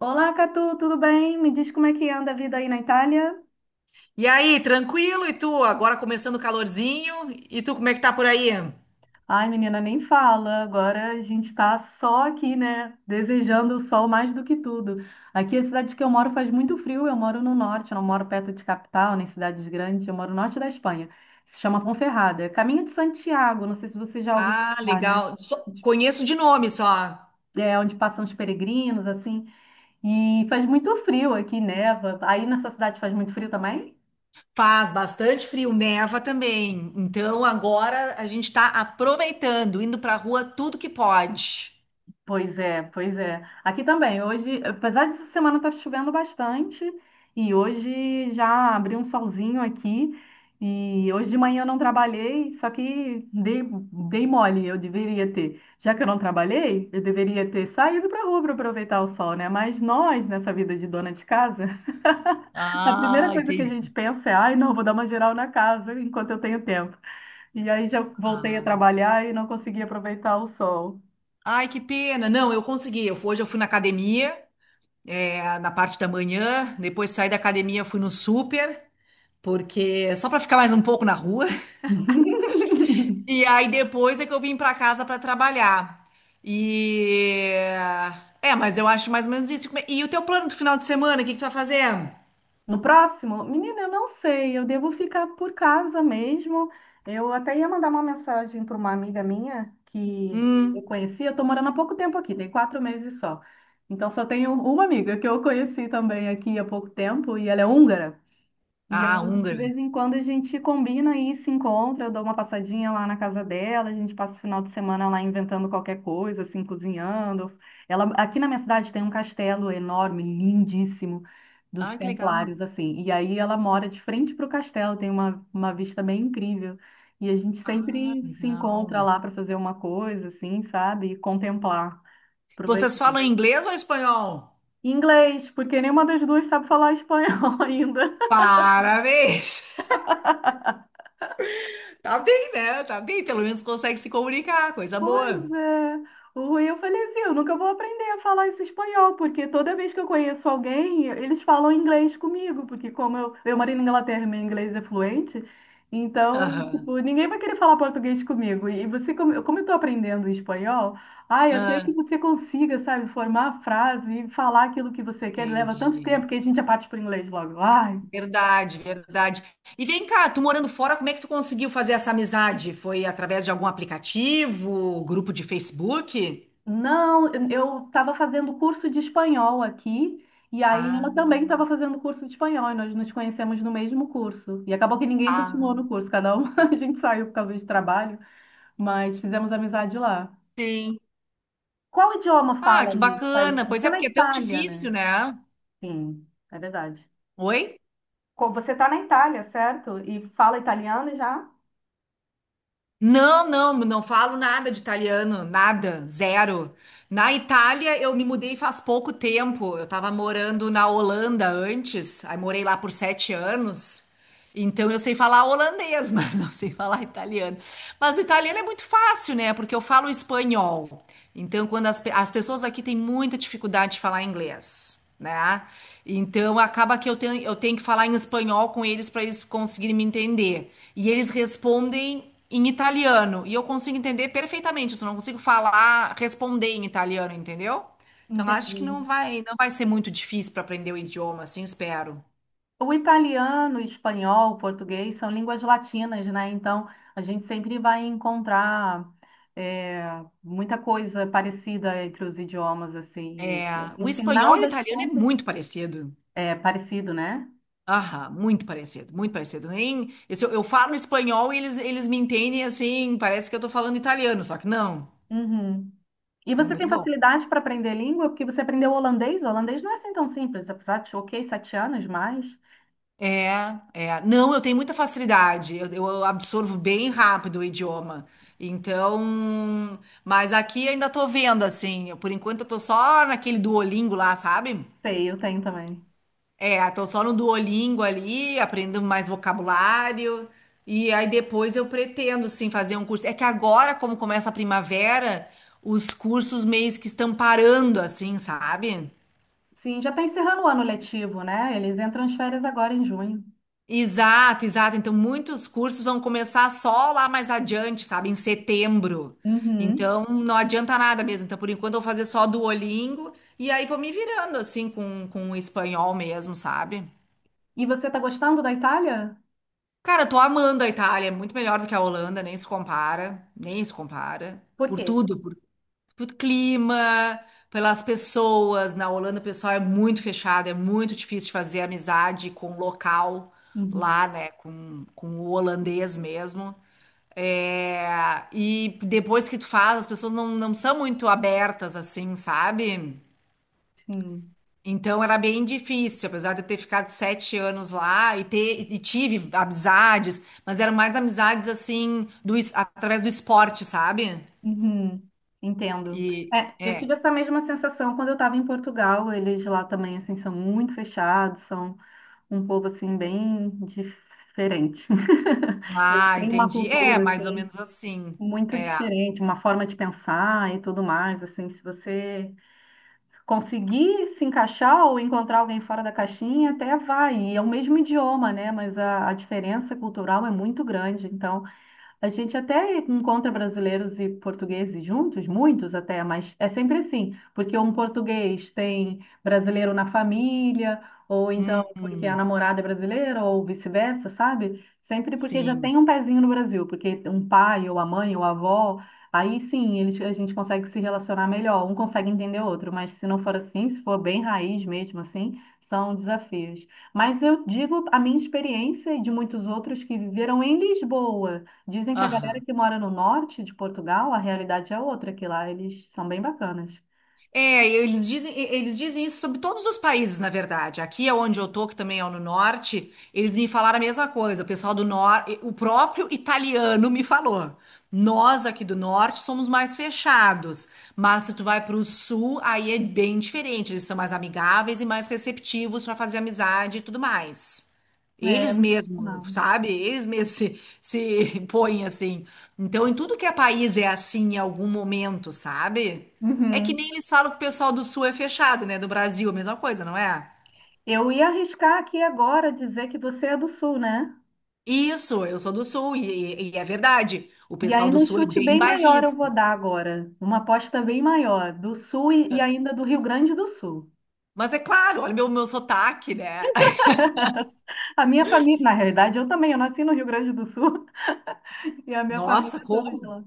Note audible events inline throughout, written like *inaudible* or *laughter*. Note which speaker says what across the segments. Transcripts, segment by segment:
Speaker 1: Olá, Catu, tudo bem? Me diz como é que anda a vida aí na Itália?
Speaker 2: E aí, tranquilo? E tu? Agora começando o calorzinho. E tu, como é que tá por aí?
Speaker 1: Ai, menina, nem fala. Agora a gente tá só aqui, né? Desejando o sol mais do que tudo. Aqui, é a cidade que eu moro faz muito frio. Eu moro no norte, eu não moro perto de capital, nem cidades grandes. Eu moro no norte da Espanha. Se chama Ponferrada. É Caminho de Santiago, não sei se você já ouviu
Speaker 2: Ah,
Speaker 1: falar, né?
Speaker 2: legal. Conheço de nome só.
Speaker 1: É onde passam os peregrinos, assim. E faz muito frio aqui, neva. Aí na sua cidade faz muito frio também?
Speaker 2: Faz bastante frio, neva também. Então agora a gente está aproveitando, indo para a rua tudo que pode.
Speaker 1: Pois é, pois é. Aqui também, hoje, apesar dessa semana estar chovendo bastante, e hoje já abriu um solzinho aqui, e hoje de manhã eu não trabalhei, só que dei mole, eu deveria ter. Já que eu não trabalhei, eu deveria ter saído para a rua para aproveitar o sol, né? Mas nós, nessa vida de dona de casa, *laughs* a primeira
Speaker 2: Ah,
Speaker 1: coisa que a gente
Speaker 2: entendi.
Speaker 1: pensa é, ai, não, vou dar uma geral na casa enquanto eu tenho tempo. E aí já voltei a
Speaker 2: Ah.
Speaker 1: trabalhar e não consegui aproveitar o sol.
Speaker 2: Ai, que pena. Não, eu consegui. Hoje eu fui na academia, na parte da manhã. Depois saí da academia, fui no super, porque só para ficar mais um pouco na rua. E aí depois é que eu vim pra casa pra trabalhar. E mas eu acho mais ou menos isso. E o teu plano do final de semana, o que que tu vai fazer?
Speaker 1: No próximo? Menina, eu não sei. Eu devo ficar por casa mesmo. Eu até ia mandar uma mensagem para uma amiga minha que eu
Speaker 2: Hum.
Speaker 1: conheci. Eu estou morando há pouco tempo aqui, tem 4 meses só. Então só tenho uma amiga que eu conheci também aqui há pouco tempo e ela é húngara. E
Speaker 2: Ah,
Speaker 1: aí, de
Speaker 2: húngara.
Speaker 1: vez em quando, a gente combina e se encontra. Eu dou uma passadinha lá na casa dela, a gente passa o final de semana lá inventando qualquer coisa, assim, cozinhando. Ela, aqui na minha cidade tem um castelo enorme, lindíssimo, dos
Speaker 2: Ah, que legal.
Speaker 1: Templários, assim. E aí ela mora de frente para o castelo, tem uma vista bem incrível. E a gente
Speaker 2: Ah,
Speaker 1: sempre se encontra
Speaker 2: legal.
Speaker 1: lá para fazer uma coisa, assim, sabe? E contemplar,
Speaker 2: Vocês
Speaker 1: aproveitar.
Speaker 2: falam inglês ou espanhol?
Speaker 1: Inglês, porque nenhuma das duas sabe falar espanhol *laughs* ainda.
Speaker 2: Parabéns. *laughs* Tá bem, né? Tá bem, pelo menos consegue se comunicar, coisa
Speaker 1: Pois
Speaker 2: boa.
Speaker 1: é. O eu falei assim, eu nunca vou aprender a falar esse espanhol, porque toda vez que eu conheço alguém, eles falam inglês comigo, porque como eu moro na Inglaterra, meu inglês é fluente, então,
Speaker 2: Aham.
Speaker 1: tipo, ninguém vai querer falar português comigo. E você, como eu tô aprendendo espanhol, ai, até que
Speaker 2: Ah,
Speaker 1: você consiga, sabe, formar a frase e falar aquilo que você quer, leva tanto
Speaker 2: entendi.
Speaker 1: tempo que a gente já parte pro inglês logo. Ai,
Speaker 2: Verdade, verdade. E vem cá, tu morando fora, como é que tu conseguiu fazer essa amizade? Foi através de algum aplicativo, grupo de Facebook?
Speaker 1: não, eu estava fazendo curso de espanhol aqui, e aí ela
Speaker 2: Ah,
Speaker 1: também estava fazendo curso de espanhol, e nós nos conhecemos no mesmo curso. E acabou que ninguém continuou no
Speaker 2: ah,
Speaker 1: curso, cada um *laughs* a gente saiu por causa de trabalho, mas fizemos amizade lá.
Speaker 2: sim.
Speaker 1: Qual idioma
Speaker 2: Ah,
Speaker 1: fala
Speaker 2: que
Speaker 1: aí, Thaís?
Speaker 2: bacana. Pois
Speaker 1: Você é
Speaker 2: é,
Speaker 1: na
Speaker 2: porque é tão
Speaker 1: Itália,
Speaker 2: difícil,
Speaker 1: né?
Speaker 2: né?
Speaker 1: Sim, é verdade.
Speaker 2: Oi?
Speaker 1: Você está na Itália, certo? E fala italiano já?
Speaker 2: Não, não, não falo nada de italiano, nada, zero. Na Itália, eu me mudei faz pouco tempo. Eu estava morando na Holanda antes, aí morei lá por 7 anos. Então eu sei falar holandês, *laughs* mas não sei falar italiano. Mas o italiano é muito fácil, né? Porque eu falo espanhol. Então, quando as pessoas aqui têm muita dificuldade de falar inglês, né? Então acaba que eu tenho que falar em espanhol com eles para eles conseguirem me entender. E eles respondem em italiano. E eu consigo entender perfeitamente, eu só não consigo falar, responder em italiano, entendeu? Então acho que não
Speaker 1: Entendi.
Speaker 2: vai, não vai ser muito difícil para aprender o idioma, assim, espero.
Speaker 1: O italiano, o espanhol, o português são línguas latinas, né? Então, a gente sempre vai encontrar é, muita coisa parecida entre os idiomas, assim.
Speaker 2: É,
Speaker 1: E,
Speaker 2: o
Speaker 1: no
Speaker 2: espanhol
Speaker 1: final
Speaker 2: e o
Speaker 1: das
Speaker 2: italiano é
Speaker 1: contas,
Speaker 2: muito parecido.
Speaker 1: é parecido, né?
Speaker 2: Aham, muito parecido, muito parecido. Nem, eu falo espanhol e eles me entendem assim, parece que eu tô falando italiano, só que não.
Speaker 1: Uhum. E
Speaker 2: É
Speaker 1: você
Speaker 2: muito
Speaker 1: tem
Speaker 2: bom.
Speaker 1: facilidade para aprender língua porque você aprendeu holandês? O holandês não é assim tão simples, apesar de, ok, 7 anos, mas...
Speaker 2: É, é. Não, eu tenho muita facilidade, eu absorvo bem rápido o idioma. Então, mas aqui ainda tô vendo, assim, por enquanto eu tô só naquele Duolingo lá, sabe?
Speaker 1: Sei, eu tenho também.
Speaker 2: É, tô só no Duolingo ali, aprendendo mais vocabulário. E aí depois eu pretendo, sim, fazer um curso. É que agora, como começa a primavera, os cursos meio que estão parando, assim, sabe?
Speaker 1: Sim, já está encerrando o ano letivo, né? Eles entram as férias agora em junho.
Speaker 2: Exato, exato. Então, muitos cursos vão começar só lá mais adiante, sabe? Em setembro.
Speaker 1: Uhum.
Speaker 2: Então, não adianta nada mesmo. Então, por enquanto, eu vou fazer só Duolingo e aí vou me virando, assim, com o espanhol mesmo, sabe?
Speaker 1: E você está gostando da Itália?
Speaker 2: Cara, eu tô amando a Itália, é muito melhor do que a Holanda, nem se compara, nem se compara.
Speaker 1: Por
Speaker 2: Por
Speaker 1: quê?
Speaker 2: tudo, por clima, pelas pessoas. Na Holanda o pessoal é muito fechado, é muito difícil de fazer amizade com o local
Speaker 1: Uhum,
Speaker 2: lá, né? Com o holandês mesmo. É, e depois que tu faz, as pessoas não são muito abertas, assim, sabe?
Speaker 1: sim.
Speaker 2: Então era bem difícil, apesar de eu ter ficado 7 anos lá e ter e tive amizades, mas eram mais amizades assim através do esporte, sabe?
Speaker 1: Uhum, entendo.
Speaker 2: E
Speaker 1: É, eu tive essa mesma sensação quando eu estava em Portugal. Eles lá também, assim, são muito fechados, são um povo, assim, bem diferente. *laughs*
Speaker 2: ah,
Speaker 1: Tem uma
Speaker 2: entendi. É
Speaker 1: cultura,
Speaker 2: mais ou
Speaker 1: assim,
Speaker 2: menos assim.
Speaker 1: muito
Speaker 2: É,
Speaker 1: diferente, uma forma de pensar e tudo mais, assim, se você conseguir se encaixar ou encontrar alguém fora da caixinha, até vai. E é o mesmo idioma, né? Mas a diferença cultural é muito grande. Então, a gente até encontra brasileiros e portugueses juntos, muitos até, mas é sempre assim, porque um português tem brasileiro na família, ou então porque a
Speaker 2: hum,
Speaker 1: namorada é brasileira, ou vice-versa, sabe? Sempre porque já
Speaker 2: sim,
Speaker 1: tem um pezinho no Brasil, porque um pai, ou a mãe, ou a avó, aí sim eles, a gente consegue se relacionar melhor, um consegue entender o outro, mas se não for assim, se for bem raiz mesmo assim, são desafios. Mas eu digo a minha experiência e de muitos outros que viveram em Lisboa. Dizem que a galera
Speaker 2: aham.
Speaker 1: que mora no norte de Portugal, a realidade é outra, que lá eles são bem bacanas.
Speaker 2: É, eles dizem isso sobre todos os países, na verdade. Aqui é onde eu tô, que também é no norte, eles me falaram a mesma coisa. O pessoal do norte, o próprio italiano me falou. Nós aqui do norte somos mais fechados, mas se tu vai para o sul, aí é bem diferente. Eles são mais amigáveis e mais receptivos para fazer amizade e tudo mais.
Speaker 1: É, é
Speaker 2: Eles
Speaker 1: muito legal.
Speaker 2: mesmos, sabe? Eles mesmos se *laughs* põem assim. Então, em tudo que é país é assim em algum momento, sabe? É que
Speaker 1: Uhum.
Speaker 2: nem eles falam que o pessoal do Sul é fechado, né? Do Brasil, a mesma coisa, não é?
Speaker 1: Eu ia arriscar aqui agora dizer que você é do sul, né?
Speaker 2: Isso, eu sou do Sul, é verdade. O
Speaker 1: E
Speaker 2: pessoal
Speaker 1: aí,
Speaker 2: do
Speaker 1: num
Speaker 2: Sul é
Speaker 1: chute
Speaker 2: bem
Speaker 1: bem maior, eu
Speaker 2: bairrista.
Speaker 1: vou dar agora. Uma aposta bem maior, do sul e ainda do Rio Grande do Sul.
Speaker 2: Mas é claro, olha meu sotaque, né? *laughs*
Speaker 1: A minha família, na realidade, eu também, eu nasci no Rio Grande do Sul *laughs* e a minha família
Speaker 2: Nossa,
Speaker 1: é toda de
Speaker 2: como?
Speaker 1: lá.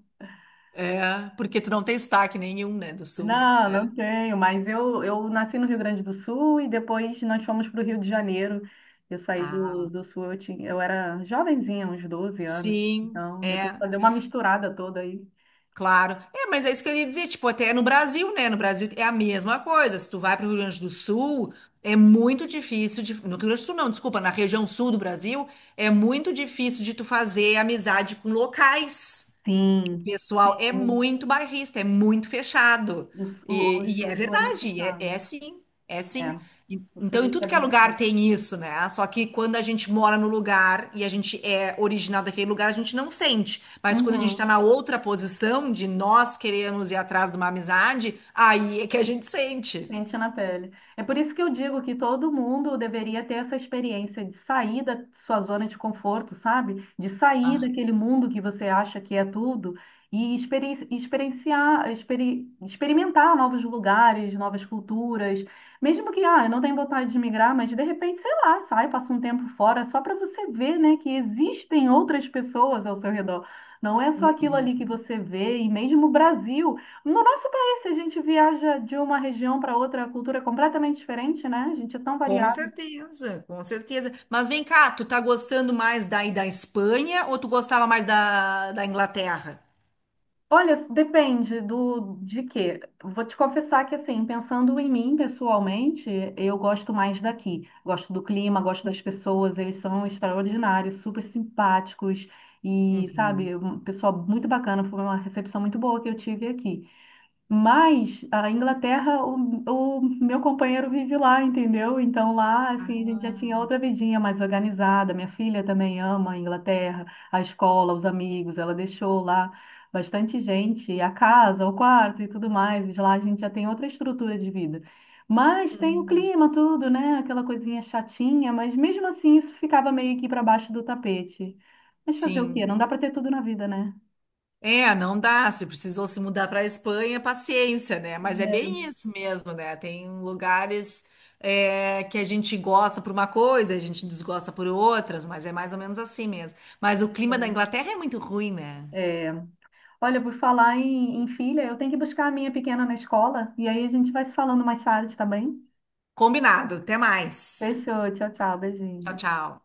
Speaker 2: É, porque tu não tem sotaque nenhum, né, do Sul.
Speaker 1: Não, não tenho, mas eu nasci no Rio Grande do Sul e depois nós fomos para o Rio de Janeiro. Eu saí do,
Speaker 2: Ah,
Speaker 1: do Sul, eu tinha, eu era jovenzinha, uns 12 anos.
Speaker 2: sim,
Speaker 1: Então, depois
Speaker 2: é.
Speaker 1: só deu uma misturada toda aí.
Speaker 2: Claro. É, mas é isso que eu ia dizer, tipo, até no Brasil, né? No Brasil é a mesma coisa. Se tu vai para o Rio Grande do Sul, é muito difícil de... No Rio Grande do Sul, não, desculpa, na região sul do Brasil, é muito difícil de tu fazer amizade com locais. O
Speaker 1: Sim,
Speaker 2: pessoal é
Speaker 1: sim.
Speaker 2: muito bairrista, é muito fechado.
Speaker 1: O, Sul- o,
Speaker 2: E é
Speaker 1: o Sul é muito
Speaker 2: verdade, é,
Speaker 1: fechado.
Speaker 2: é sim, é
Speaker 1: É,
Speaker 2: sim.
Speaker 1: o
Speaker 2: Então, em
Speaker 1: Sulista
Speaker 2: tudo
Speaker 1: é
Speaker 2: que é
Speaker 1: bem
Speaker 2: lugar
Speaker 1: fechado.
Speaker 2: tem isso, né? Só que quando a gente mora no lugar e a gente é original daquele lugar, a gente não sente. Mas quando a gente tá
Speaker 1: Uhum.
Speaker 2: na outra posição de nós queremos ir atrás de uma amizade, aí é que a gente sente.
Speaker 1: Sente na pele. É por isso que eu digo que todo mundo deveria ter essa experiência de sair da sua zona de conforto, sabe? De sair daquele mundo que você acha que é tudo e experienciar, experimentar novos lugares, novas culturas. Mesmo que, ah, eu não tenho vontade de migrar, mas de repente, sei lá, sai, passa um tempo fora, só para você ver, né, que existem outras pessoas ao seu redor. Não é só aquilo ali que você vê, e mesmo o Brasil. No nosso Se a gente viaja de uma região para outra, a cultura é completamente diferente, né? A gente é tão
Speaker 2: Com
Speaker 1: variado.
Speaker 2: certeza, com certeza. Mas vem cá, tu tá gostando mais daí da Espanha ou tu gostava mais da Inglaterra?
Speaker 1: Olha, depende do de quê. Vou te confessar que, assim, pensando em mim pessoalmente, eu gosto mais daqui. Gosto do clima, gosto das pessoas, eles são extraordinários, super simpáticos e,
Speaker 2: Uhum.
Speaker 1: sabe, um pessoal muito bacana. Foi uma recepção muito boa que eu tive aqui. Mas a Inglaterra, o meu companheiro vive lá, entendeu? Então lá, assim, a gente já tinha
Speaker 2: Ah.
Speaker 1: outra vidinha mais organizada. Minha filha também ama a Inglaterra, a escola, os amigos, ela deixou lá bastante gente, e a casa, o quarto e tudo mais. E lá a gente já tem outra estrutura de vida. Mas tem o clima, tudo, né? Aquela coisinha chatinha, mas mesmo assim isso ficava meio que para baixo do tapete. Mas fazer o quê?
Speaker 2: Sim.
Speaker 1: Não dá para ter tudo na vida, né?
Speaker 2: É, não dá. Se precisou se mudar para a Espanha, paciência, né? Mas é bem isso mesmo, né? Tem lugares que a gente gosta por uma coisa, a gente desgosta por outras, mas é mais ou menos assim mesmo. Mas o clima da Inglaterra é muito ruim, né?
Speaker 1: É, é. Olha, por falar em filha, eu tenho que buscar a minha pequena na escola e aí a gente vai se falando mais tarde, tá bem?
Speaker 2: Combinado. Até mais.
Speaker 1: Fechou, tchau, tchau,
Speaker 2: Tchau,
Speaker 1: beijinho.
Speaker 2: tchau.